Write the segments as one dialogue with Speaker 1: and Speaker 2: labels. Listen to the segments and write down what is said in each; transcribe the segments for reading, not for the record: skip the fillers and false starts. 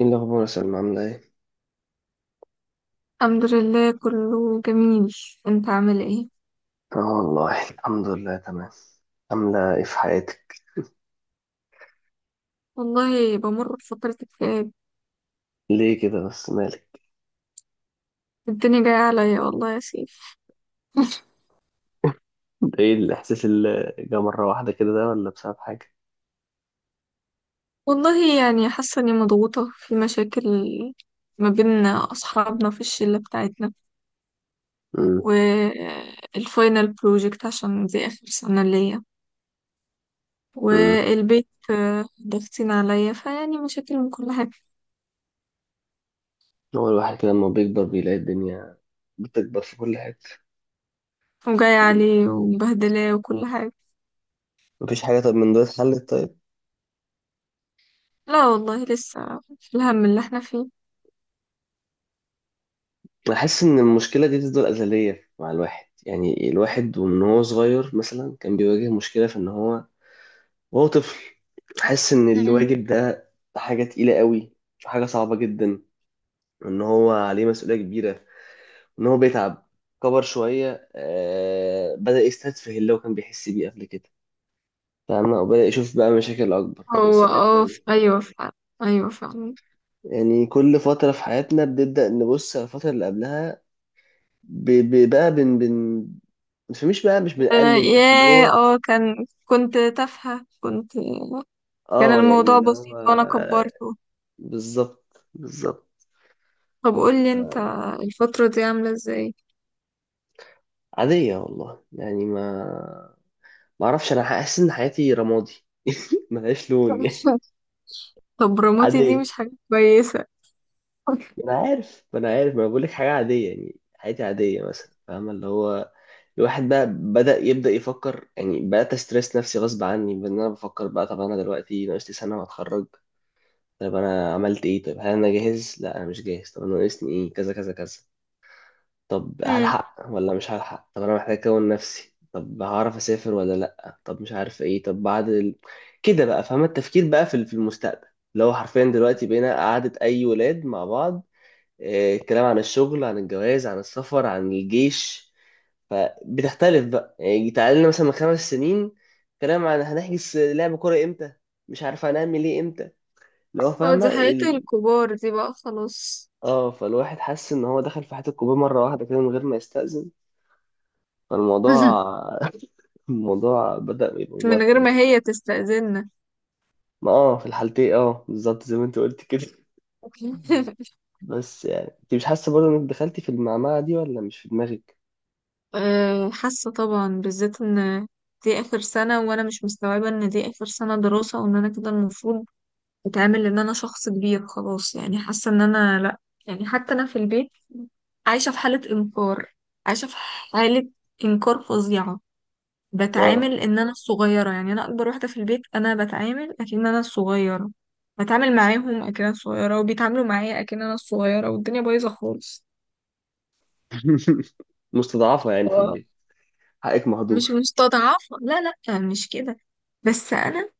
Speaker 1: ايه الاخبار يا سلمى؟ عامله ايه؟
Speaker 2: الحمد لله، كله جميل. انت عامل ايه؟
Speaker 1: اه والله الحمد لله تمام. عامله ايه في حياتك؟
Speaker 2: والله بمر بفترة اكتئاب.
Speaker 1: ليه كده بس، مالك؟
Speaker 2: الدنيا جاية عليا والله يا سيف.
Speaker 1: ده ايه الاحساس اللي جه مره واحده كده، ده ولا بسبب حاجه؟
Speaker 2: والله يعني حاسة اني مضغوطة في مشاكل ما بين اصحابنا في الشلة بتاعتنا،
Speaker 1: امم
Speaker 2: والفاينل بروجكت عشان دي اخر سنة ليا،
Speaker 1: امم.
Speaker 2: والبيت ضاغطين عليا فيعني مشاكل من كل حاجة،
Speaker 1: هو الواحد كده لما بيكبر بيلاقي الدنيا بتكبر في كل حته.
Speaker 2: وجاية عليه ومبهدلاه وكل حاجة.
Speaker 1: مفيش حاجه طب من دول اتحلت طيب؟
Speaker 2: لا والله، لسه في الهم اللي احنا فيه.
Speaker 1: انا حاسس ان المشكله دي تفضل ازليه مع الواحد، يعني الواحد ومن هو صغير مثلا كان بيواجه مشكله في ان هو وهو طفل، حاسس ان الواجب ده حاجه تقيله قوي، حاجه صعبه جدا، ان هو عليه مسؤولية كبيرة، ان هو بيتعب. كبر شوية آه، بدأ يستتفه اللي هو كان بيحس بيه قبل كده، فاهمة؟ وبدأ يشوف بقى مشاكل أكبر،
Speaker 2: هو
Speaker 1: مسؤوليات تانية.
Speaker 2: ايوه فعلا، ايوه فعلا.
Speaker 1: يعني كل فترة في حياتنا بنبدأ نبص على الفترة اللي قبلها ب- ب- بقى بن بن مش
Speaker 2: آه،
Speaker 1: بنقلل بس اللي
Speaker 2: ياه،
Speaker 1: هو،
Speaker 2: اه كان كنت تافهة كنت كان
Speaker 1: اه يعني
Speaker 2: الموضوع
Speaker 1: اللي هو
Speaker 2: بسيط وانا كبرته.
Speaker 1: بالظبط بالظبط.
Speaker 2: طب قولي انت،
Speaker 1: آه،
Speaker 2: الفترة دي عاملة ازاي؟
Speaker 1: عادية والله يعني، ما ما اعرفش، انا حاسس ان حياتي رمادي، ملهاش لون يعني.
Speaker 2: طب رموتي دي مش
Speaker 1: عادية.
Speaker 2: حاجة كويسة.
Speaker 1: ما انا عارف، ما انا عارف، ما انا بقول لك حاجه عاديه، يعني حياتي عاديه مثلا، فاهمه اللي هو؟ الواحد بقى يبدا يفكر، يعني بقيت استرس نفسي غصب عني، بان انا بفكر بقى طب انا دلوقتي ناقص لي سنه واتخرج، طب انا عملت ايه، طب هل انا جاهز؟ لا انا مش جاهز، طب انا ناقصني ايه؟ كذا كذا كذا، طب
Speaker 2: مم.
Speaker 1: هلحق ولا مش هلحق؟ طب انا محتاج اكون نفسي، طب هعرف اسافر ولا لا؟ طب مش عارف ايه، طب بعد ال... كده بقى، فاهمه؟ التفكير بقى في المستقبل، اللي هو حرفيا دلوقتي بقينا قعدة أي ولاد مع بعض. آه، كلام عن الشغل، عن الجواز، عن السفر، عن الجيش. فبتختلف بقى، يعني تعال لنا مثلا من خمس سنين، كلام عن هنحجز لعب كورة امتى، مش عارف هنعمل ايه امتى، اللي هو
Speaker 2: اه،
Speaker 1: فاهمة
Speaker 2: دي حياة
Speaker 1: ال...
Speaker 2: الكبار دي بقى خلاص.
Speaker 1: اه، فالواحد حس ان هو دخل في حياة الكوبايه مرة واحدة كده من غير ما يستأذن، فالموضوع الموضوع بدأ يبقى
Speaker 2: من غير
Speaker 1: موتر
Speaker 2: ما
Speaker 1: يعني.
Speaker 2: هي تستأذننا.
Speaker 1: ما اه في الحالتين، اه بالظبط زي ما انت قلت كده. بس يعني انت مش حاسة برضه انك دخلتي في المعمعة دي ولا مش في دماغك؟
Speaker 2: حاسة طبعا، بالذات ان دي اخر سنة وانا مش مستوعبة ان دي اخر سنة دراسة، وان انا كده المفروض اتعامل ان انا شخص كبير خلاص، يعني حاسه ان انا لا. يعني حتى انا في البيت عايشه في حاله انكار، عايشه في حاله انكار فظيعه.
Speaker 1: اه.
Speaker 2: بتعامل ان انا الصغيره، يعني انا اكبر واحده في البيت انا بتعامل اكن انا الصغيره. بتعامل معاهم اكن انا الصغيره، وبيتعاملوا معايا اكن انا الصغيره، والدنيا بايظه خالص.
Speaker 1: مستضعفة يعني في
Speaker 2: واو.
Speaker 1: البيت، حقك
Speaker 2: مش
Speaker 1: مهدور.
Speaker 2: مستضعفه، لا. لا مش كده، بس انا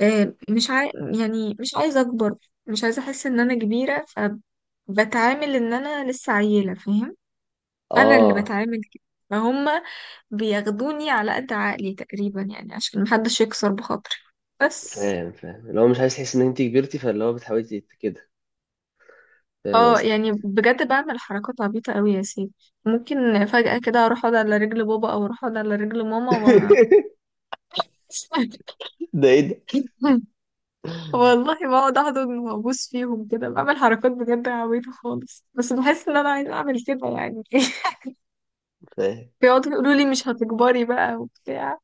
Speaker 2: آه، مش عاي... يعني مش عايزه اكبر، مش عايزه احس ان انا كبيره، فبتعامل ان انا لسه عيله، فاهم؟ انا اللي
Speaker 1: اه،
Speaker 2: بتعامل كده، فهم. بياخدوني على قد عقلي تقريبا يعني، عشان محدش يكسر بخاطري بس.
Speaker 1: فاهم، فاهم، اللي هو مش عايز تحس ان انت كبرتي، فاللي هو بتحاولي كده، فاهم
Speaker 2: اه
Speaker 1: قصدي؟
Speaker 2: يعني بجد بعمل حركات عبيطة قوي يا سيدي. ممكن فجأة كده اروح اقعد على رجل بابا، او اروح اقعد على رجل ماما و...
Speaker 1: ده ايه ده؟
Speaker 2: والله بقعد احضن وابوس فيهم كده، بعمل حركات بجد عبيطة خالص، بس بحس ان انا عايزة اعمل كده يعني.
Speaker 1: فاهم.
Speaker 2: بيقعدوا يقولوا لي مش هتكبري بقى وبتاع.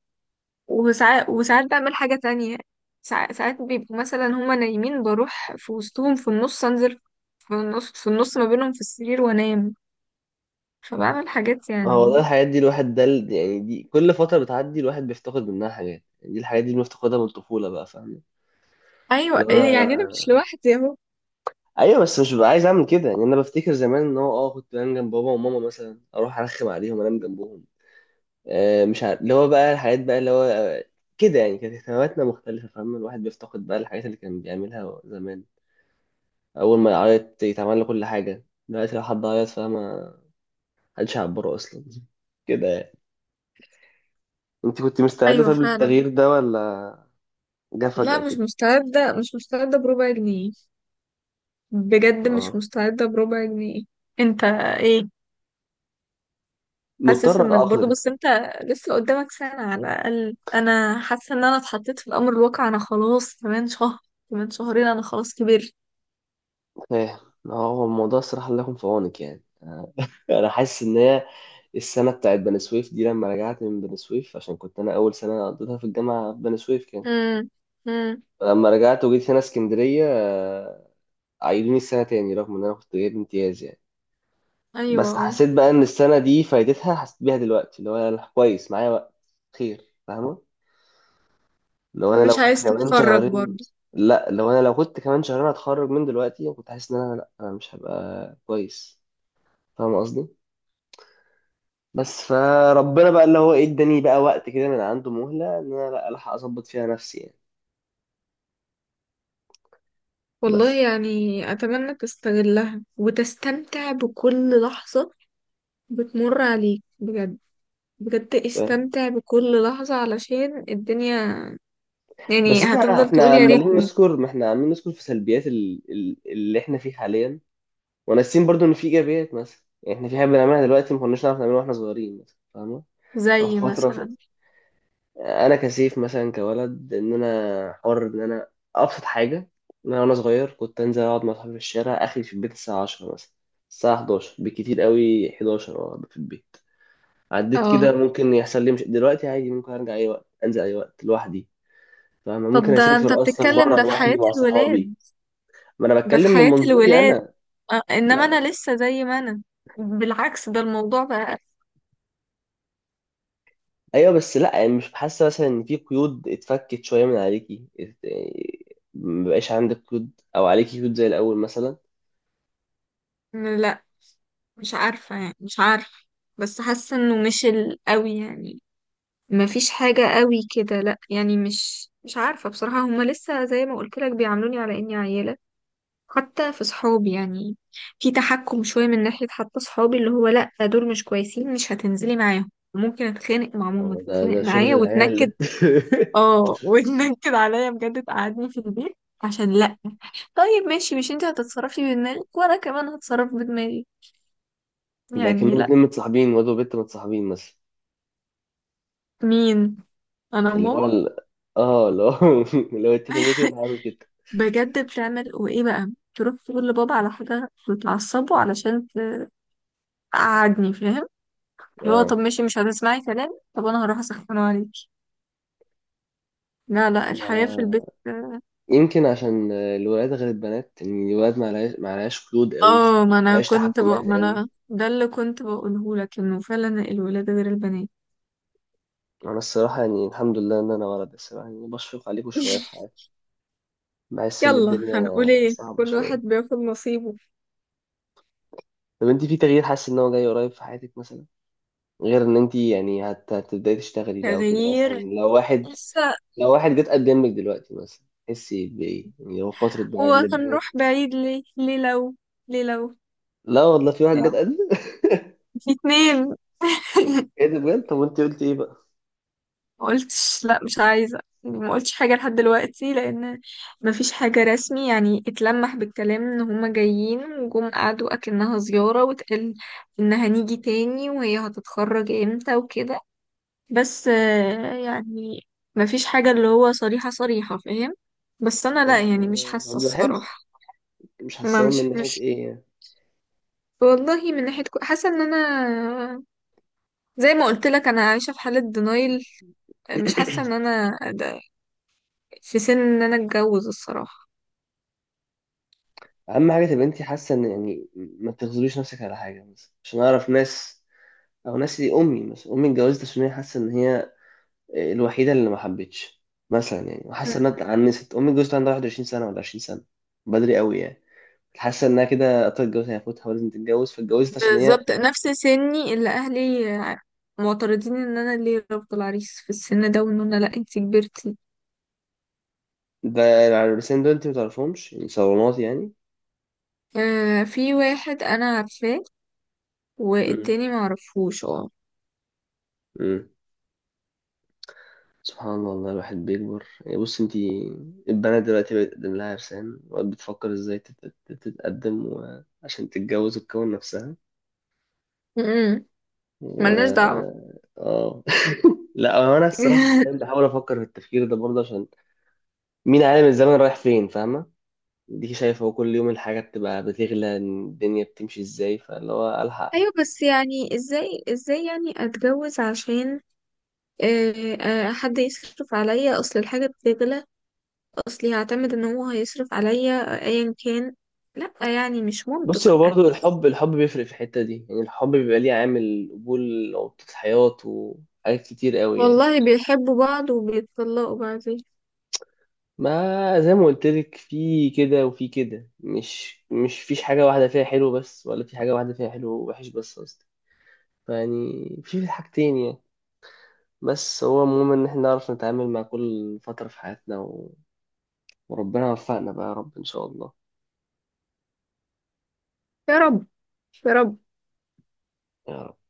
Speaker 2: وساعات بعمل حاجة تانية. ساعات بيبقوا مثلا هما نايمين، بروح في وسطهم في النص، انزل في النص ما بينهم في السرير وانام. فبعمل حاجات
Speaker 1: هو والله
Speaker 2: يعني.
Speaker 1: الحاجات دي الواحد ده يعني دي كل فترة بتعدي الواحد بيفتقد منها حاجات، يعني دي الحاجات دي اللي بنفتقدها من الطفولة بقى، فاهم؟
Speaker 2: ايوه
Speaker 1: لو
Speaker 2: يعني انا مش
Speaker 1: انا،
Speaker 2: لوحدي اهو.
Speaker 1: ايوه بس مش ببقى عايز اعمل كده يعني. انا بفتكر زمان ان هو اه كنت بنام جنب بابا وماما مثلا، اروح ارخم عليهم انام جنبهم. آه، مش عارف اللي هو بقى الحاجات بقى، اللي هو آه، كده يعني، كانت اهتماماتنا مختلفة، فاهم؟ الواحد بيفتقد بقى الحاجات اللي كان بيعملها زمان. أول ما يعيط يتعمل له كل حاجة، دلوقتي لو حد عيط، فاهمة؟ محدش يعبره أصلا كده يعني. أنت كنت مستعدة
Speaker 2: ايوه
Speaker 1: طب
Speaker 2: فعلا.
Speaker 1: للتغيير ده ولا جه
Speaker 2: لا
Speaker 1: فجأة
Speaker 2: مش
Speaker 1: كده؟
Speaker 2: مستعدة، مش مستعدة بربع جنيه. بجد مش
Speaker 1: اه
Speaker 2: مستعدة بربع جنيه. انت ايه؟ حاسس
Speaker 1: مضطر
Speaker 2: انك برضو،
Speaker 1: أتأقلم.
Speaker 2: بس انت لسه قدامك سنة على الأقل. انا حاسة ان انا اتحطيت في الامر الواقع، انا خلاص كمان شهر، كمان شهرين انا خلاص كبرت.
Speaker 1: فاهم. هو الموضوع الصراحة لكم في عونك يعني. آه، أنا حاسس إن هي السنة بتاعت بني سويف دي، لما رجعت من بني سويف، عشان كنت أنا أول سنة قضيتها في الجامعة في بني سويف، كان
Speaker 2: امم. امم.
Speaker 1: لما رجعت وجيت هنا اسكندرية، آه، عيدوني السنة تاني رغم إن أنا كنت جايب امتياز يعني.
Speaker 2: ايوه،
Speaker 1: بس حسيت بقى إن السنة دي فايدتها حسيت بيها دلوقتي، اللي هو أنا كويس، معايا وقت خير، فاهمة؟ لو أنا لو
Speaker 2: مش
Speaker 1: كنت
Speaker 2: عايز
Speaker 1: كمان
Speaker 2: تتفرج
Speaker 1: شهرين،
Speaker 2: برضه.
Speaker 1: لا لو أنا لو كنت كمان شهرين هتخرج من دلوقتي، كنت حاسس إن أنا لا، أنا مش هبقى كويس، فاهمة قصدي؟ بس فربنا بقى اللي هو إيه، إداني بقى وقت كده من عنده، مهلة إن أنا لا ألحق أظبط فيها نفسي يعني.
Speaker 2: والله
Speaker 1: بس.
Speaker 2: يعني، اتمنى تستغلها وتستمتع بكل لحظة بتمر عليك بجد، بجد استمتع بكل لحظة علشان الدنيا
Speaker 1: بس
Speaker 2: يعني
Speaker 1: احنا،
Speaker 2: هتفضل
Speaker 1: احنا
Speaker 2: تقول يا
Speaker 1: عمالين
Speaker 2: ريتني.
Speaker 1: نذكر، ما احنا عمالين نذكر في سلبيات اللي احنا فيه حاليا، وناسيين برضو ان في ايجابيات مثلا. يعني احنا في حاجه بنعملها دلوقتي ما كناش نعرف نعملها واحنا صغيرين مثلا، فاهمه؟ او في
Speaker 2: زي
Speaker 1: فتره في...
Speaker 2: مثلا؟
Speaker 1: انا كسيف مثلا كولد، ان انا حر، ان انا ابسط حاجه، ان انا وانا صغير كنت انزل اقعد مع صحابي في الشارع، اخري في البيت الساعه 10 مثلا، الساعه 11 بالكتير قوي، 11 اه أبقى في البيت. عديت كده
Speaker 2: اه،
Speaker 1: ممكن يحصل لي، مش دلوقتي، عادي ممكن ارجع اي وقت، انزل اي وقت لوحدي، فاهمة؟ ممكن
Speaker 2: طب ده انت
Speaker 1: أسافر أصلا
Speaker 2: بتتكلم
Speaker 1: بره
Speaker 2: ده في
Speaker 1: لوحدي
Speaker 2: حياة
Speaker 1: مع
Speaker 2: الولاد.
Speaker 1: صحابي. ما انا
Speaker 2: ده في
Speaker 1: بتكلم من
Speaker 2: حياة
Speaker 1: منظوري
Speaker 2: الولاد،
Speaker 1: انا.
Speaker 2: انما
Speaker 1: ما-
Speaker 2: انا لسه زي ما انا، بالعكس ده الموضوع بقى.
Speaker 1: ايوه بس لا، يعني مش حاسه مثلا ان في قيود اتفكت شويه من عليكي، ما بقاش عندك قيود او عليكي قيود زي الاول مثلا؟
Speaker 2: لا، مش عارفة يعني مش عارفة، بس حاسة انه مش قوي يعني، ما فيش حاجة قوي كده. لا يعني مش عارفة بصراحة. هما لسه زي ما قلت لك بيعاملوني على اني عيلة، حتى في صحابي يعني في تحكم شوية من ناحية، حتى صحابي اللي هو لا دول مش كويسين، مش هتنزلي معاهم. ممكن اتخانق مع ماما،
Speaker 1: هو ده،
Speaker 2: تتخانق
Speaker 1: ده شغل
Speaker 2: معايا
Speaker 1: العيال
Speaker 2: وتنكد.
Speaker 1: ده.
Speaker 2: اه. وتنكد عليا بجد، تقعدني في البيت عشان لا، طيب ماشي مش انت هتتصرفي بدماغك وانا كمان هتصرف بدماغي يعني
Speaker 1: لكنهم
Speaker 2: لا.
Speaker 1: اتنين متصاحبين، واد وبنت متصاحبين مثلا،
Speaker 2: مين؟ انا
Speaker 1: اللي هو
Speaker 2: ماما.
Speaker 1: ال... اه اللي هو اللي هو اتفق معايا كده انا هعمل كده.
Speaker 2: بجد بتعمل، وايه بقى، تروح تقول لبابا على حاجه بتعصبه علشان تقعدني، فاهم؟ اللي هو طب
Speaker 1: اه.
Speaker 2: ماشي مش هتسمعي كلام، طب انا هروح اسخنه عليكي. لا لا، الحياه في
Speaker 1: ما-
Speaker 2: البيت.
Speaker 1: يمكن عشان الولاد غير البنات، ان الولاد ما عليهاش، ما عليهاش قيود قوي،
Speaker 2: اه،
Speaker 1: ما عليهاش تحكمات
Speaker 2: ما
Speaker 1: قوي.
Speaker 2: انا ده اللي كنت بقوله لك انه فعلا الولاد غير البنات.
Speaker 1: انا الصراحه يعني الحمد لله ان انا ولد، الصراحه يعني بشفق عليكم شويه في حياتي، بحس ان
Speaker 2: يلا
Speaker 1: الدنيا
Speaker 2: هنقول ايه،
Speaker 1: صعبه
Speaker 2: كل واحد
Speaker 1: شويه.
Speaker 2: بياخد نصيبه.
Speaker 1: طب انت في تغيير حاسس ان هو جاي قريب في حياتك مثلا؟ غير ان انت يعني هتبداي تشتغلي بقى وكده، مثلا
Speaker 2: تغيير؟
Speaker 1: لو واحد،
Speaker 2: لسه.
Speaker 1: لو واحد جه اتقدم لك دلوقتي مثلا تحسي بايه؟ يعني هو فتره بقى ان
Speaker 2: وهنروح
Speaker 1: البنات،
Speaker 2: بعيد ليه؟ ليه لو
Speaker 1: لا والله في واحد جه
Speaker 2: يعني،
Speaker 1: اتقدم.
Speaker 2: في اتنين.
Speaker 1: ايه ده بجد؟ طب وانت قلت ايه بقى؟
Speaker 2: ما قلتش، لا مش عايزة يعني، ما قلتش حاجة لحد دلوقتي، لأن ما فيش حاجة رسمي يعني. اتلمح بالكلام إن هما جايين، وجم قعدوا أكنها زيارة، واتقال إن هنيجي تاني وهي هتتخرج إمتى وكده. بس يعني ما فيش حاجة اللي هو صريحة صريحة، فاهم؟ بس أنا لا
Speaker 1: طب،
Speaker 2: يعني، مش حاسة
Speaker 1: طب ده حلو.
Speaker 2: الصراحة.
Speaker 1: مش
Speaker 2: ما
Speaker 1: حاسه من
Speaker 2: مش
Speaker 1: ناحيه
Speaker 2: مش
Speaker 1: ايه يعني؟
Speaker 2: والله من ناحية حاسة إن أنا زي ما قلت لك أنا عايشة في حالة دينايل، مش حاسة إن أنا في سن ان انا اتجوز الصراحة.
Speaker 1: اهم حاجه تبقى انت حاسه ان، يعني ما تغزليش نفسك على حاجه مثلا عشان اعرف ناس، او ناسي. امي مثلا، امي اتجوزت عشان هي حاسه ان هي الوحيده اللي ما حبتش، مثلا يعني، وحاسه انها اتعنست. امي اتجوزت عندها 21 سنه ولا 20 سنه، بدري قوي يعني. حاسه انها كده قطعت، الجواز هيفوتها ولازم تتجوز، فاتجوزت عشان هي.
Speaker 2: بالظبط نفس سني اللي اهلي معترضين ان انا ليه رفض العريس في السن ده، وان انا لا انتي كبرتي.
Speaker 1: ده العرسان دول انت ما تعرفهمش يعني، صالونات يعني؟
Speaker 2: آه، في واحد انا عارفاه،
Speaker 1: امم
Speaker 2: والتاني معرفهوش، اه.
Speaker 1: امم. سبحان الله. والله الواحد بيكبر يعني. بص انت، البنات دلوقتي بتقدم لها عرسان وقت بتفكر ازاي تتقدم عشان تتجوز وتكون نفسها،
Speaker 2: م-م.
Speaker 1: و،
Speaker 2: ملناش دعوة.
Speaker 1: اه. لا هو انا الصراحه أحياناً بحاول افكر في التفكير ده برضه، عشان مين عالم الزمن رايح فين، فاهمه؟ دي شايفه هو كل يوم الحاجات تبقى بتغلى، الدنيا بتمشي ازاي، فاللي هو الحق.
Speaker 2: ايوه بس يعني، ازاي ازاي يعني اتجوز عشان حد يصرف عليا؟ اصل الحاجة بتغلى؟ اصلي هعتمد ان هو هيصرف عليا ايا كان؟ لا يعني مش
Speaker 1: بصي
Speaker 2: منطق.
Speaker 1: هو برضه الحب، الحب بيفرق في الحته دي يعني، الحب بيبقى ليه عامل قبول وقت الحياه وحاجات كتير قوي يعني.
Speaker 2: والله بيحبوا بعض وبيتطلقوا بعدين.
Speaker 1: ما زي ما قلت لك، في كده وفي كده، مش مش فيش حاجه واحده فيها حلو بس، ولا في حاجه واحده فيها حلو ووحش بس، قصدي فيعني في حاجتين يعني. بس هو المهم إن إحنا نعرف نتعامل مع كل فترة في حياتنا و... وربنا يوفقنا بقى يا رب، إن شاء الله.
Speaker 2: يا رب، يا رب.
Speaker 1: يا رب.